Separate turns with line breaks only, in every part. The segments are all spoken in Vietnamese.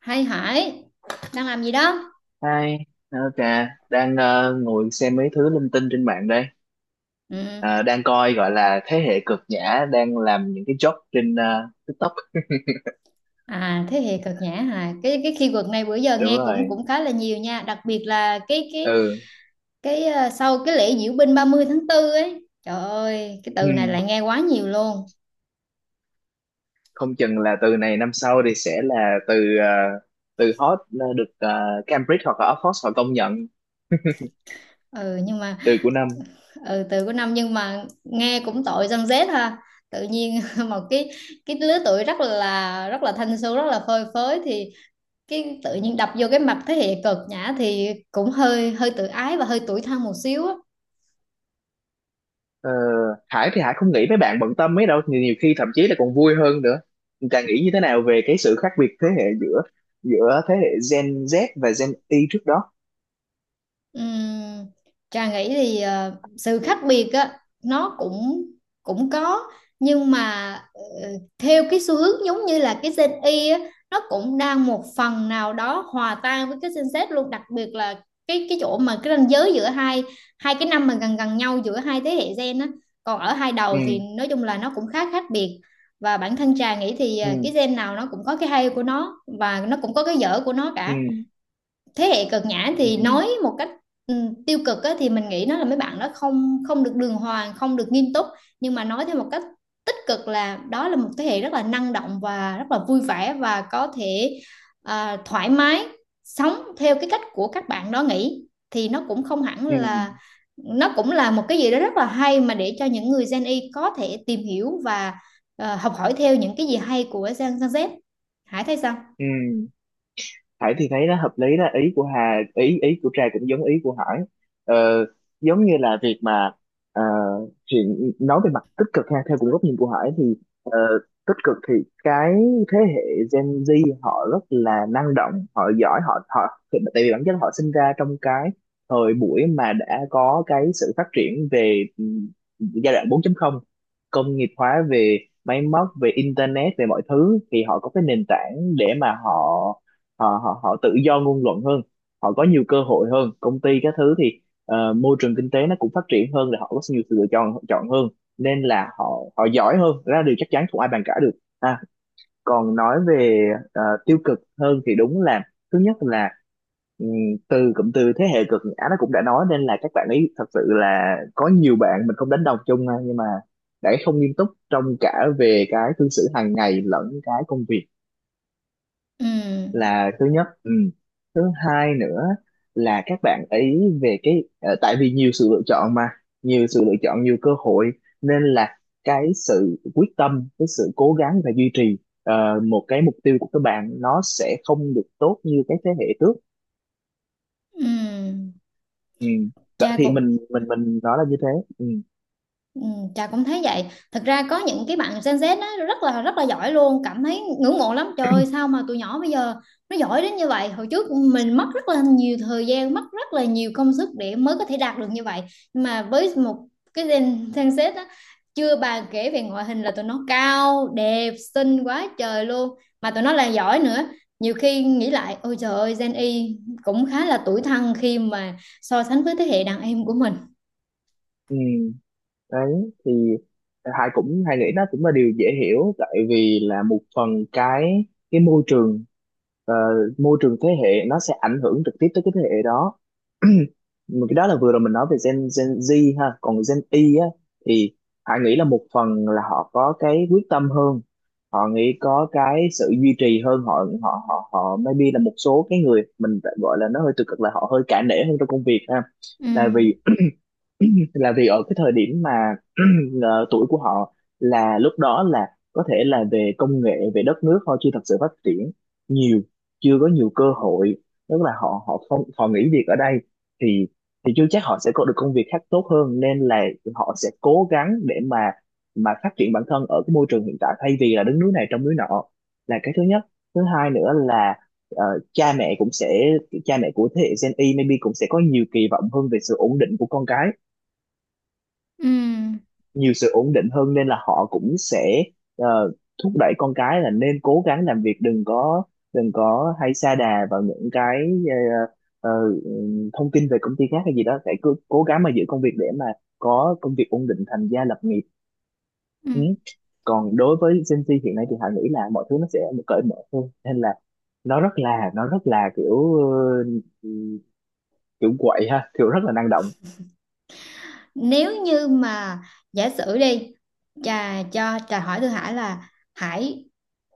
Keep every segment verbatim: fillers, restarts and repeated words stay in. Hay Hải, đang làm gì đó?
Hi, ok, đang ờ, ngồi xem mấy thứ linh tinh trên mạng đây.
Ừ.
Ờ, Đang coi gọi là thế hệ cực nhã đang làm những cái job trên ờ, TikTok.
À, thế hệ cực nhã hà, cái cái khi keyword này bữa giờ
Đúng
nghe cũng
rồi.
cũng khá là nhiều nha, đặc biệt là cái cái
Ừ.
cái ờ, sau cái lễ diễu binh ba mươi tháng tư ấy. Trời ơi, cái
Ừ.
từ này lại nghe quá nhiều luôn.
Không chừng là từ này năm sau thì sẽ là từ ờ, từ hot là được, ờ, Cambridge hoặc là Oxford họ công nhận
Ừ, nhưng mà
từ của năm.
ừ, từ của năm, nhưng mà nghe cũng tội dân Z ha. Tự nhiên một cái cái lứa tuổi rất là rất là thanh xuân, rất là phơi phới, thì cái tự nhiên đập vô cái mặt thế hệ cực nhã thì cũng hơi hơi tự ái và hơi tủi thân một xíu á.
Ờ, Hải thì Hải không nghĩ mấy bạn bận tâm mấy đâu, nhiều, nhiều khi thậm chí là còn vui hơn nữa. Càng nghĩ như thế nào về cái sự khác biệt thế hệ giữa giữa thế hệ Gen Z và Gen Y trước đó.
Ừm, Trà nghĩ thì ờ, sự khác biệt á nó cũng cũng có, nhưng mà ờ, theo cái xu hướng giống như là cái Gen Y á, nó cũng đang một phần nào đó hòa tan với cái Gen Z luôn, đặc biệt là cái cái chỗ mà cái ranh giới giữa hai hai cái năm mà gần gần nhau giữa hai thế hệ gen á, còn ở hai
Ừ.
đầu thì nói chung là nó cũng khá khác biệt. Và bản thân Trà nghĩ thì ờ, cái
Ừ.
gen nào nó cũng có cái hay của nó và nó cũng có cái dở của nó
Ừ.
cả. Thế hệ cực nhã
Ừ.
thì nói một cách ừ, tiêu cực á, thì mình nghĩ nó là mấy bạn đó không không được đường hoàng, không được nghiêm túc. Nhưng mà nói theo một cách tích cực là đó là một thế hệ rất là năng động và rất là vui vẻ, và có thể à, thoải mái sống theo cái cách của các bạn đó nghĩ, thì nó cũng không hẳn
Ừ.
là, nó cũng là một cái gì đó rất là hay mà để cho những người Gen Y có thể tìm hiểu và ờ, học hỏi theo những cái gì hay của Gen Gen Z. Hải thấy sao?
Ừ. Ừ. Hải thì thấy nó hợp lý, đó ý của Hà, ý ý của Trà cũng giống ý của Hải. ờ, Giống như là việc mà ờ, chuyện nói về mặt tích cực ha, theo cũng góc nhìn của Hải thì ờ, tích cực thì cái thế hệ Gen Z họ rất là năng động, họ giỏi, họ họ tại vì bản chất họ sinh ra trong cái thời buổi mà đã có cái sự phát triển về ừ, giai đoạn bốn chấm không, công nghiệp hóa về máy móc, về internet, về mọi thứ thì họ có cái nền tảng để mà họ họ họ họ tự do ngôn luận hơn, họ có nhiều cơ hội hơn, công ty các thứ thì ờ, môi trường kinh tế nó cũng phát triển hơn, là họ có nhiều sự lựa chọn chọn hơn, nên là họ họ giỏi hơn. Đó là điều chắc chắn không ai bàn cãi được. À, còn nói về ờ, tiêu cực hơn thì đúng là thứ nhất là, ừm, từ cụm từ thế hệ cực á, nó cũng đã nói nên là các bạn ấy thật sự là có nhiều bạn, mình không đánh đồng chung ha, nhưng mà đã không nghiêm túc trong cả về cái cư xử hàng ngày lẫn cái công việc,
Ừ,
là thứ nhất. Ừ. Thứ hai nữa là các bạn ấy về cái ờ, tại vì nhiều sự lựa chọn mà, nhiều sự lựa chọn, nhiều cơ hội, nên là cái sự quyết tâm, cái sự cố gắng và duy trì ờ, một cái mục tiêu của các bạn nó sẽ không được tốt như cái thế hệ trước.
ừ,
Ừ.
cha
Vậy thì
cũng
mình mình mình nói là như thế. Ừ.
ừ, Trà cũng thấy vậy. Thật ra có những cái bạn Gen Z nó rất là rất là giỏi luôn, cảm thấy ngưỡng mộ lắm. Trời ơi, sao mà tụi nhỏ bây giờ nó giỏi đến như vậy? Hồi trước mình mất rất là nhiều thời gian, mất rất là nhiều công sức để mới có thể đạt được như vậy. Nhưng mà với một cái Gen, Gen Z á, chưa bàn kể về ngoại hình là tụi nó cao, đẹp, xinh quá trời luôn. Mà tụi nó là giỏi nữa. Nhiều khi nghĩ lại, ôi trời ơi, Gen Y cũng khá là tuổi thân khi mà so sánh với thế hệ đàn em của mình.
Ừ. Đấy thì Hải cũng Hải nghĩ nó cũng là điều dễ hiểu, tại vì là một phần cái cái môi trường, ờ, môi trường thế hệ nó sẽ ảnh hưởng trực tiếp tới cái thế hệ đó. Mà cái đó là vừa rồi mình nói về Gen Gen Z ha, còn Gen Y á thì Hải nghĩ là một phần là họ có cái quyết tâm hơn, họ nghĩ có cái sự duy trì hơn, họ họ họ họ maybe là một số cái người mình gọi là nó hơi tiêu cực là họ hơi cả nể hơn trong công việc ha,
Ừ.
là vì là vì ở cái thời điểm mà ờ, tuổi của họ là lúc đó là có thể là về công nghệ, về đất nước họ chưa thật sự phát triển nhiều, chưa có nhiều cơ hội, tức là họ họ không, họ nghỉ việc ở đây thì thì chưa chắc họ sẽ có được công việc khác tốt hơn, nên là họ sẽ cố gắng để mà mà phát triển bản thân ở cái môi trường hiện tại thay vì là đứng núi này trông núi nọ, là cái thứ nhất. Thứ hai nữa là, ờ, cha mẹ cũng sẽ, cha mẹ của thế hệ Gen Y maybe cũng sẽ có nhiều kỳ vọng hơn về sự ổn định của con cái,
Ừ.
nhiều sự ổn định hơn nên là họ cũng sẽ ờ, thúc đẩy con cái là nên cố gắng làm việc, đừng có đừng có hay sa đà vào những cái ờ, ờ, ừ, thông tin về công ty khác hay gì đó, phải cứ cố gắng mà giữ công việc để mà có công việc ổn định, thành gia lập nghiệp.
Ừ.
Ừ. Còn đối với Gen Z hiện nay thì họ nghĩ là mọi thứ nó sẽ cởi mở hơn, nên là nó rất là nó rất là kiểu ờ, kiểu quậy ha, kiểu rất là năng động.
Nếu như mà giả sử đi, trà cho trà hỏi Thư Hải là Hải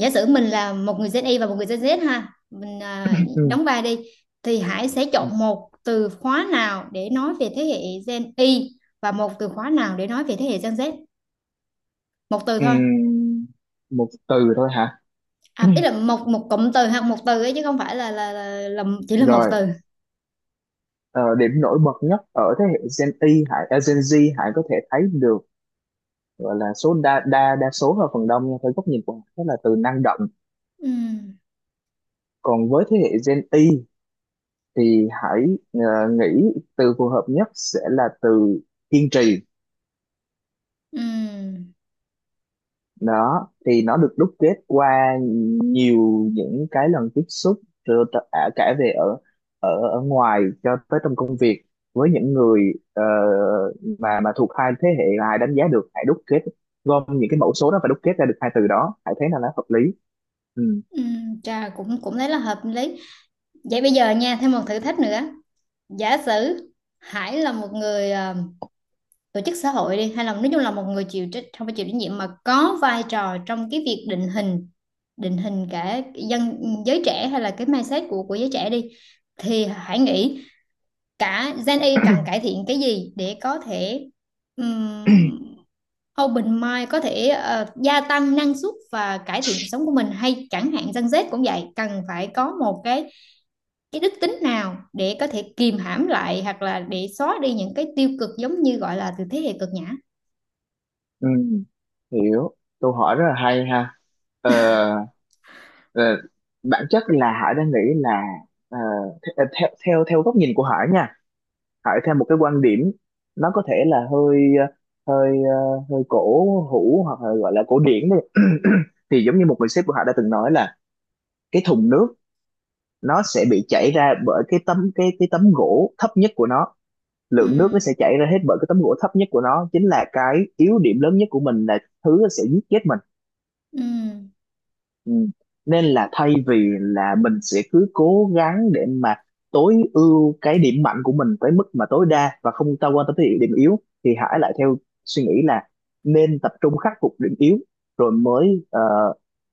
giả sử mình là một người Gen Y và một người Gen Z ha, mình à,
Ừ.
đóng vai đi, thì Hải sẽ chọn một từ khóa nào để nói về thế hệ Gen Y và một từ khóa nào để nói về thế hệ Gen Z, một từ
Ừ.
thôi.
Một từ thôi hả?
À, ý là một một cụm từ hoặc một từ ấy, chứ không phải là là, là, là chỉ là một
Rồi.
từ.
Ờ, điểm nổi bật nhất ở thế hệ Gen Y Hải, à, Gen Z Hải có thể thấy được, gọi là số đa đa đa số là phần đông nha, theo góc nhìn của Hải, đó là từ năng động.
Ừ,
Còn với thế hệ Gen Y thì Hải ờ, nghĩ từ phù hợp nhất sẽ là từ kiên trì.
ừ,
Đó thì nó được đúc kết qua nhiều những cái lần tiếp xúc rồi, t- à, cả về ở ở ở ngoài cho tới trong công việc với những người ờ, mà mà thuộc hai thế hệ, là ai đánh giá được, hãy đúc kết, gom những cái mẫu số đó và đúc kết ra được hai từ đó, hãy thấy là nó hợp lý. Ừ.
ừ, trà cũng cũng thấy là hợp lý. Vậy bây giờ nha, thêm một thử thách nữa, giả sử Hải là một người ờ, tổ chức xã hội đi, hay là nói chung là một người chịu trách, không phải chịu trách nhiệm mà có vai trò trong cái việc định hình, định hình cả dân, giới trẻ hay là cái mindset của của giới trẻ đi, thì Hải nghĩ cả Gen Y cần cải thiện cái gì để có thể ừm, open mind, có thể ờ, gia tăng năng suất và cải thiện cuộc sống của mình, hay chẳng hạn Gen Z cũng vậy, cần phải có một cái cái đức tính nào để có thể kìm hãm lại hoặc là để xóa đi những cái tiêu cực giống như gọi là từ thế hệ cực nhã.
Ừ. Hiểu, câu hỏi rất là hay ha. Ờ, ờ, Bản chất là Hải đang nghĩ là, ờ, th- ờ, theo theo theo góc nhìn của Hải nha, hỏi theo một cái quan điểm, nó có thể là hơi ờ, hơi, ờ, hơi cổ hủ, hoặc là gọi là cổ điển đi. Thì giống như một người sếp của họ đã từng nói là, cái thùng nước nó sẽ bị chảy ra bởi cái tấm, cái cái tấm gỗ thấp nhất của nó,
Ừ,
lượng nước nó sẽ chảy ra hết bởi cái tấm gỗ thấp nhất của nó, chính là cái yếu điểm lớn nhất của mình, là thứ nó sẽ giết chết mình.
ừ,
Ừ. Nên là thay vì là mình sẽ cứ cố gắng để mà tối ưu cái điểm mạnh của mình tới mức mà tối đa và không ta quan tâm tới điểm yếu, thì hãy lại theo suy nghĩ là nên tập trung khắc phục điểm yếu rồi mới ờ,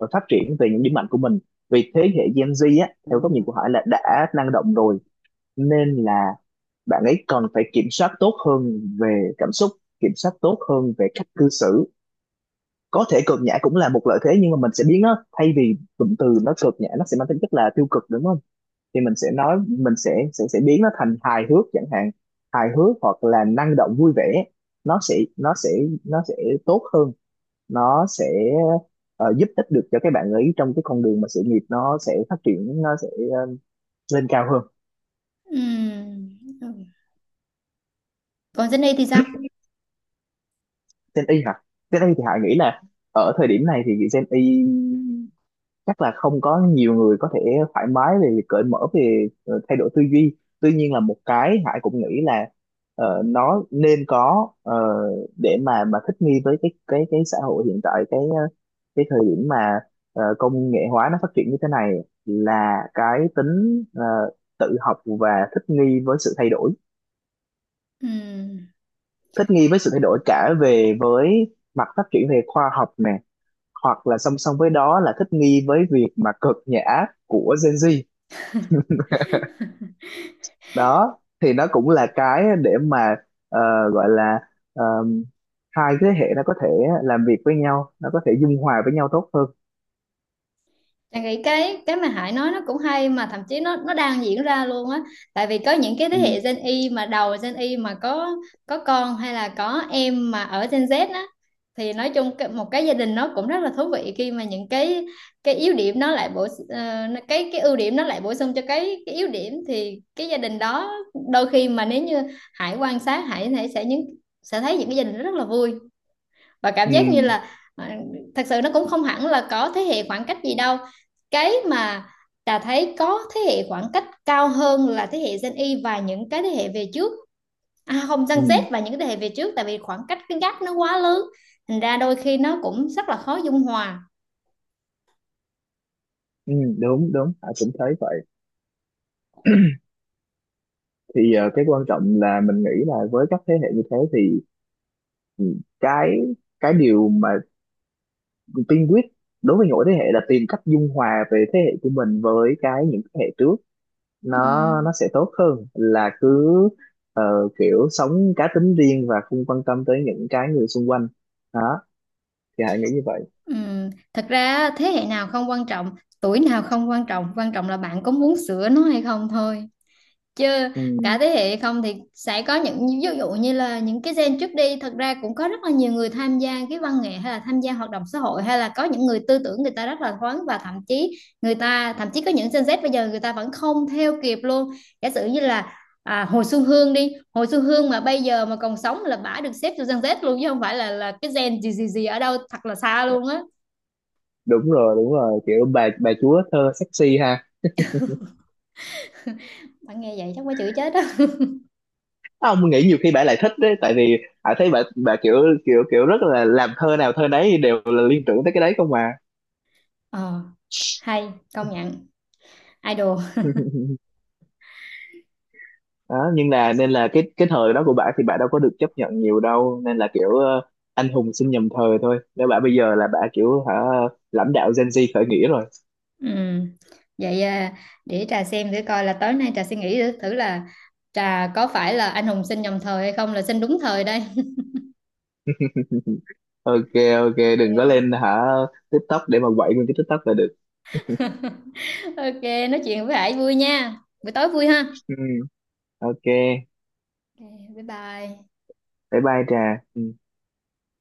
rồi phát triển về những điểm mạnh của mình. Vì thế hệ Gen Z á, theo góc nhìn của Hải là đã năng động rồi, nên là bạn ấy còn phải kiểm soát tốt hơn về cảm xúc, kiểm soát tốt hơn về cách cư xử. Có thể cực nhã cũng là một lợi thế, nhưng mà mình sẽ biến nó, thay vì cụm từ nó cực nhã nó sẽ mang tính chất là tiêu cực đúng không, thì mình sẽ nói mình sẽ sẽ sẽ biến nó thành hài hước chẳng hạn, hài hước hoặc là năng động vui vẻ, nó sẽ nó sẽ nó sẽ tốt hơn, nó sẽ ờ, giúp ích được cho các bạn ấy trong cái con đường mà sự nghiệp nó sẽ phát triển, nó sẽ ờ, lên cao hơn.
ừ, còn Jenny thì sao?
Gen Y hả? Gen Y thì Hải nghĩ là ở thời điểm này thì Gen Y chắc là không có nhiều người có thể thoải mái về cởi mở về ờ, thay đổi tư duy. Tuy nhiên là một cái Hải cũng nghĩ là ờ, nó nên có, ờ, để mà mà thích nghi với cái cái cái xã hội hiện tại, cái ờ, cái thời điểm mà ờ, công nghệ hóa nó phát triển như thế này, là cái tính ờ, tự học và thích nghi với sự thay đổi,
Ừ.
thích nghi với sự thay đổi cả về với mặt phát triển về khoa học nè, hoặc là song song với đó là thích nghi với việc mà cực nhã của Gen Z. Đó thì nó cũng là cái để mà ờ, gọi là ờ, hai thế hệ nó có thể làm việc với nhau, nó có thể dung hòa với nhau tốt hơn.
Chị nghĩ cái cái mà Hải nói nó cũng hay, mà thậm chí nó nó đang diễn ra luôn á, tại vì có những cái thế
Ừ.
hệ Gen Y mà đầu Gen Y mà có có con hay là có em mà ở Gen Z á, thì nói chung cái- một cái gia đình nó cũng rất là thú vị khi mà những cái cái yếu điểm nó lại bổ ờ, cái cái ưu điểm nó lại bổ sung cho cái cái yếu điểm, thì cái gia đình đó, đôi khi mà nếu như Hải quan sát, Hải Hải sẽ những, sẽ thấy những cái gia đình rất là vui và cảm
Ừ.
giác như là à, thật sự nó cũng không hẳn là có thế hệ khoảng cách gì đâu. Cái mà Trà thấy có thế hệ khoảng cách cao hơn là thế hệ Gen Y và những cái thế hệ về trước, à không, Gen
Ừ.
Z và những cái thế hệ về trước, tại vì khoảng cách cái gap nó quá lớn, thành ra đôi khi nó cũng rất là khó dung hòa.
Ừ. Đúng đúng, Hải cũng thấy vậy. Thì ờ, cái quan trọng là mình nghĩ là với các thế hệ như thế thì, ừ, cái cái điều mà tiên quyết đối với mỗi thế hệ là tìm cách dung hòa về thế hệ của mình với cái những thế hệ trước, nó nó
Ừm.
sẽ tốt hơn là cứ ờ, kiểu sống cá tính riêng và không quan tâm tới những cái người xung quanh. Đó thì hãy nghĩ như vậy.
Ừm, thật ra thế hệ nào không quan trọng, tuổi nào không quan trọng, quan trọng là bạn có muốn sửa nó hay không thôi, chứ
Ừ,
cả thế hệ không thì sẽ có những ví dụ như là những cái gen trước đi, thật ra cũng có rất là nhiều người tham gia cái văn nghệ hay là tham gia hoạt động xã hội, hay là có những người tư tưởng người ta rất là thoáng, và thậm chí người ta thậm chí có những Gen Z bây giờ người ta vẫn không theo kịp luôn. Giả sử như là à, Hồ Xuân Hương đi, Hồ Xuân Hương mà bây giờ mà còn sống là bả được xếp vô Gen Z luôn, chứ không phải là là cái gen gì gì gì ở đâu thật là xa luôn á.
đúng rồi đúng rồi, kiểu bà bà chúa thơ sexy ha.
Bạn nghe vậy chắc quá chữ chết á.
Á, ông nghĩ nhiều khi bà lại thích đấy, tại vì hãy thấy bà bà kiểu, kiểu kiểu rất là làm thơ nào thơ nấy đều là liên tưởng tới cái đấy không mà.
Ờ, hay, công nhận idol.
Đó, nhưng là nên là cái cái thời đó của bà thì bà đâu có được chấp nhận nhiều đâu, nên là kiểu ờ, anh hùng sinh nhầm thời thôi, nếu bà bây giờ là bà kiểu hả, lãnh đạo Gen Z khởi nghĩa rồi.
Ừ. Vậy à, để trà xem thử coi là tối nay trà suy nghĩ thử là trà có phải là anh hùng sinh nhầm thời hay không, là sinh đúng thời đây.
Ok, ok
Ok.
đừng có lên hả, TikTok để mà quậy nguyên cái TikTok là được.
Ok, nói chuyện với Hải vui nha. Buổi tối vui ha.
Ừ, ok,
Ok, bye bye.
bye bye Trà. Ừ.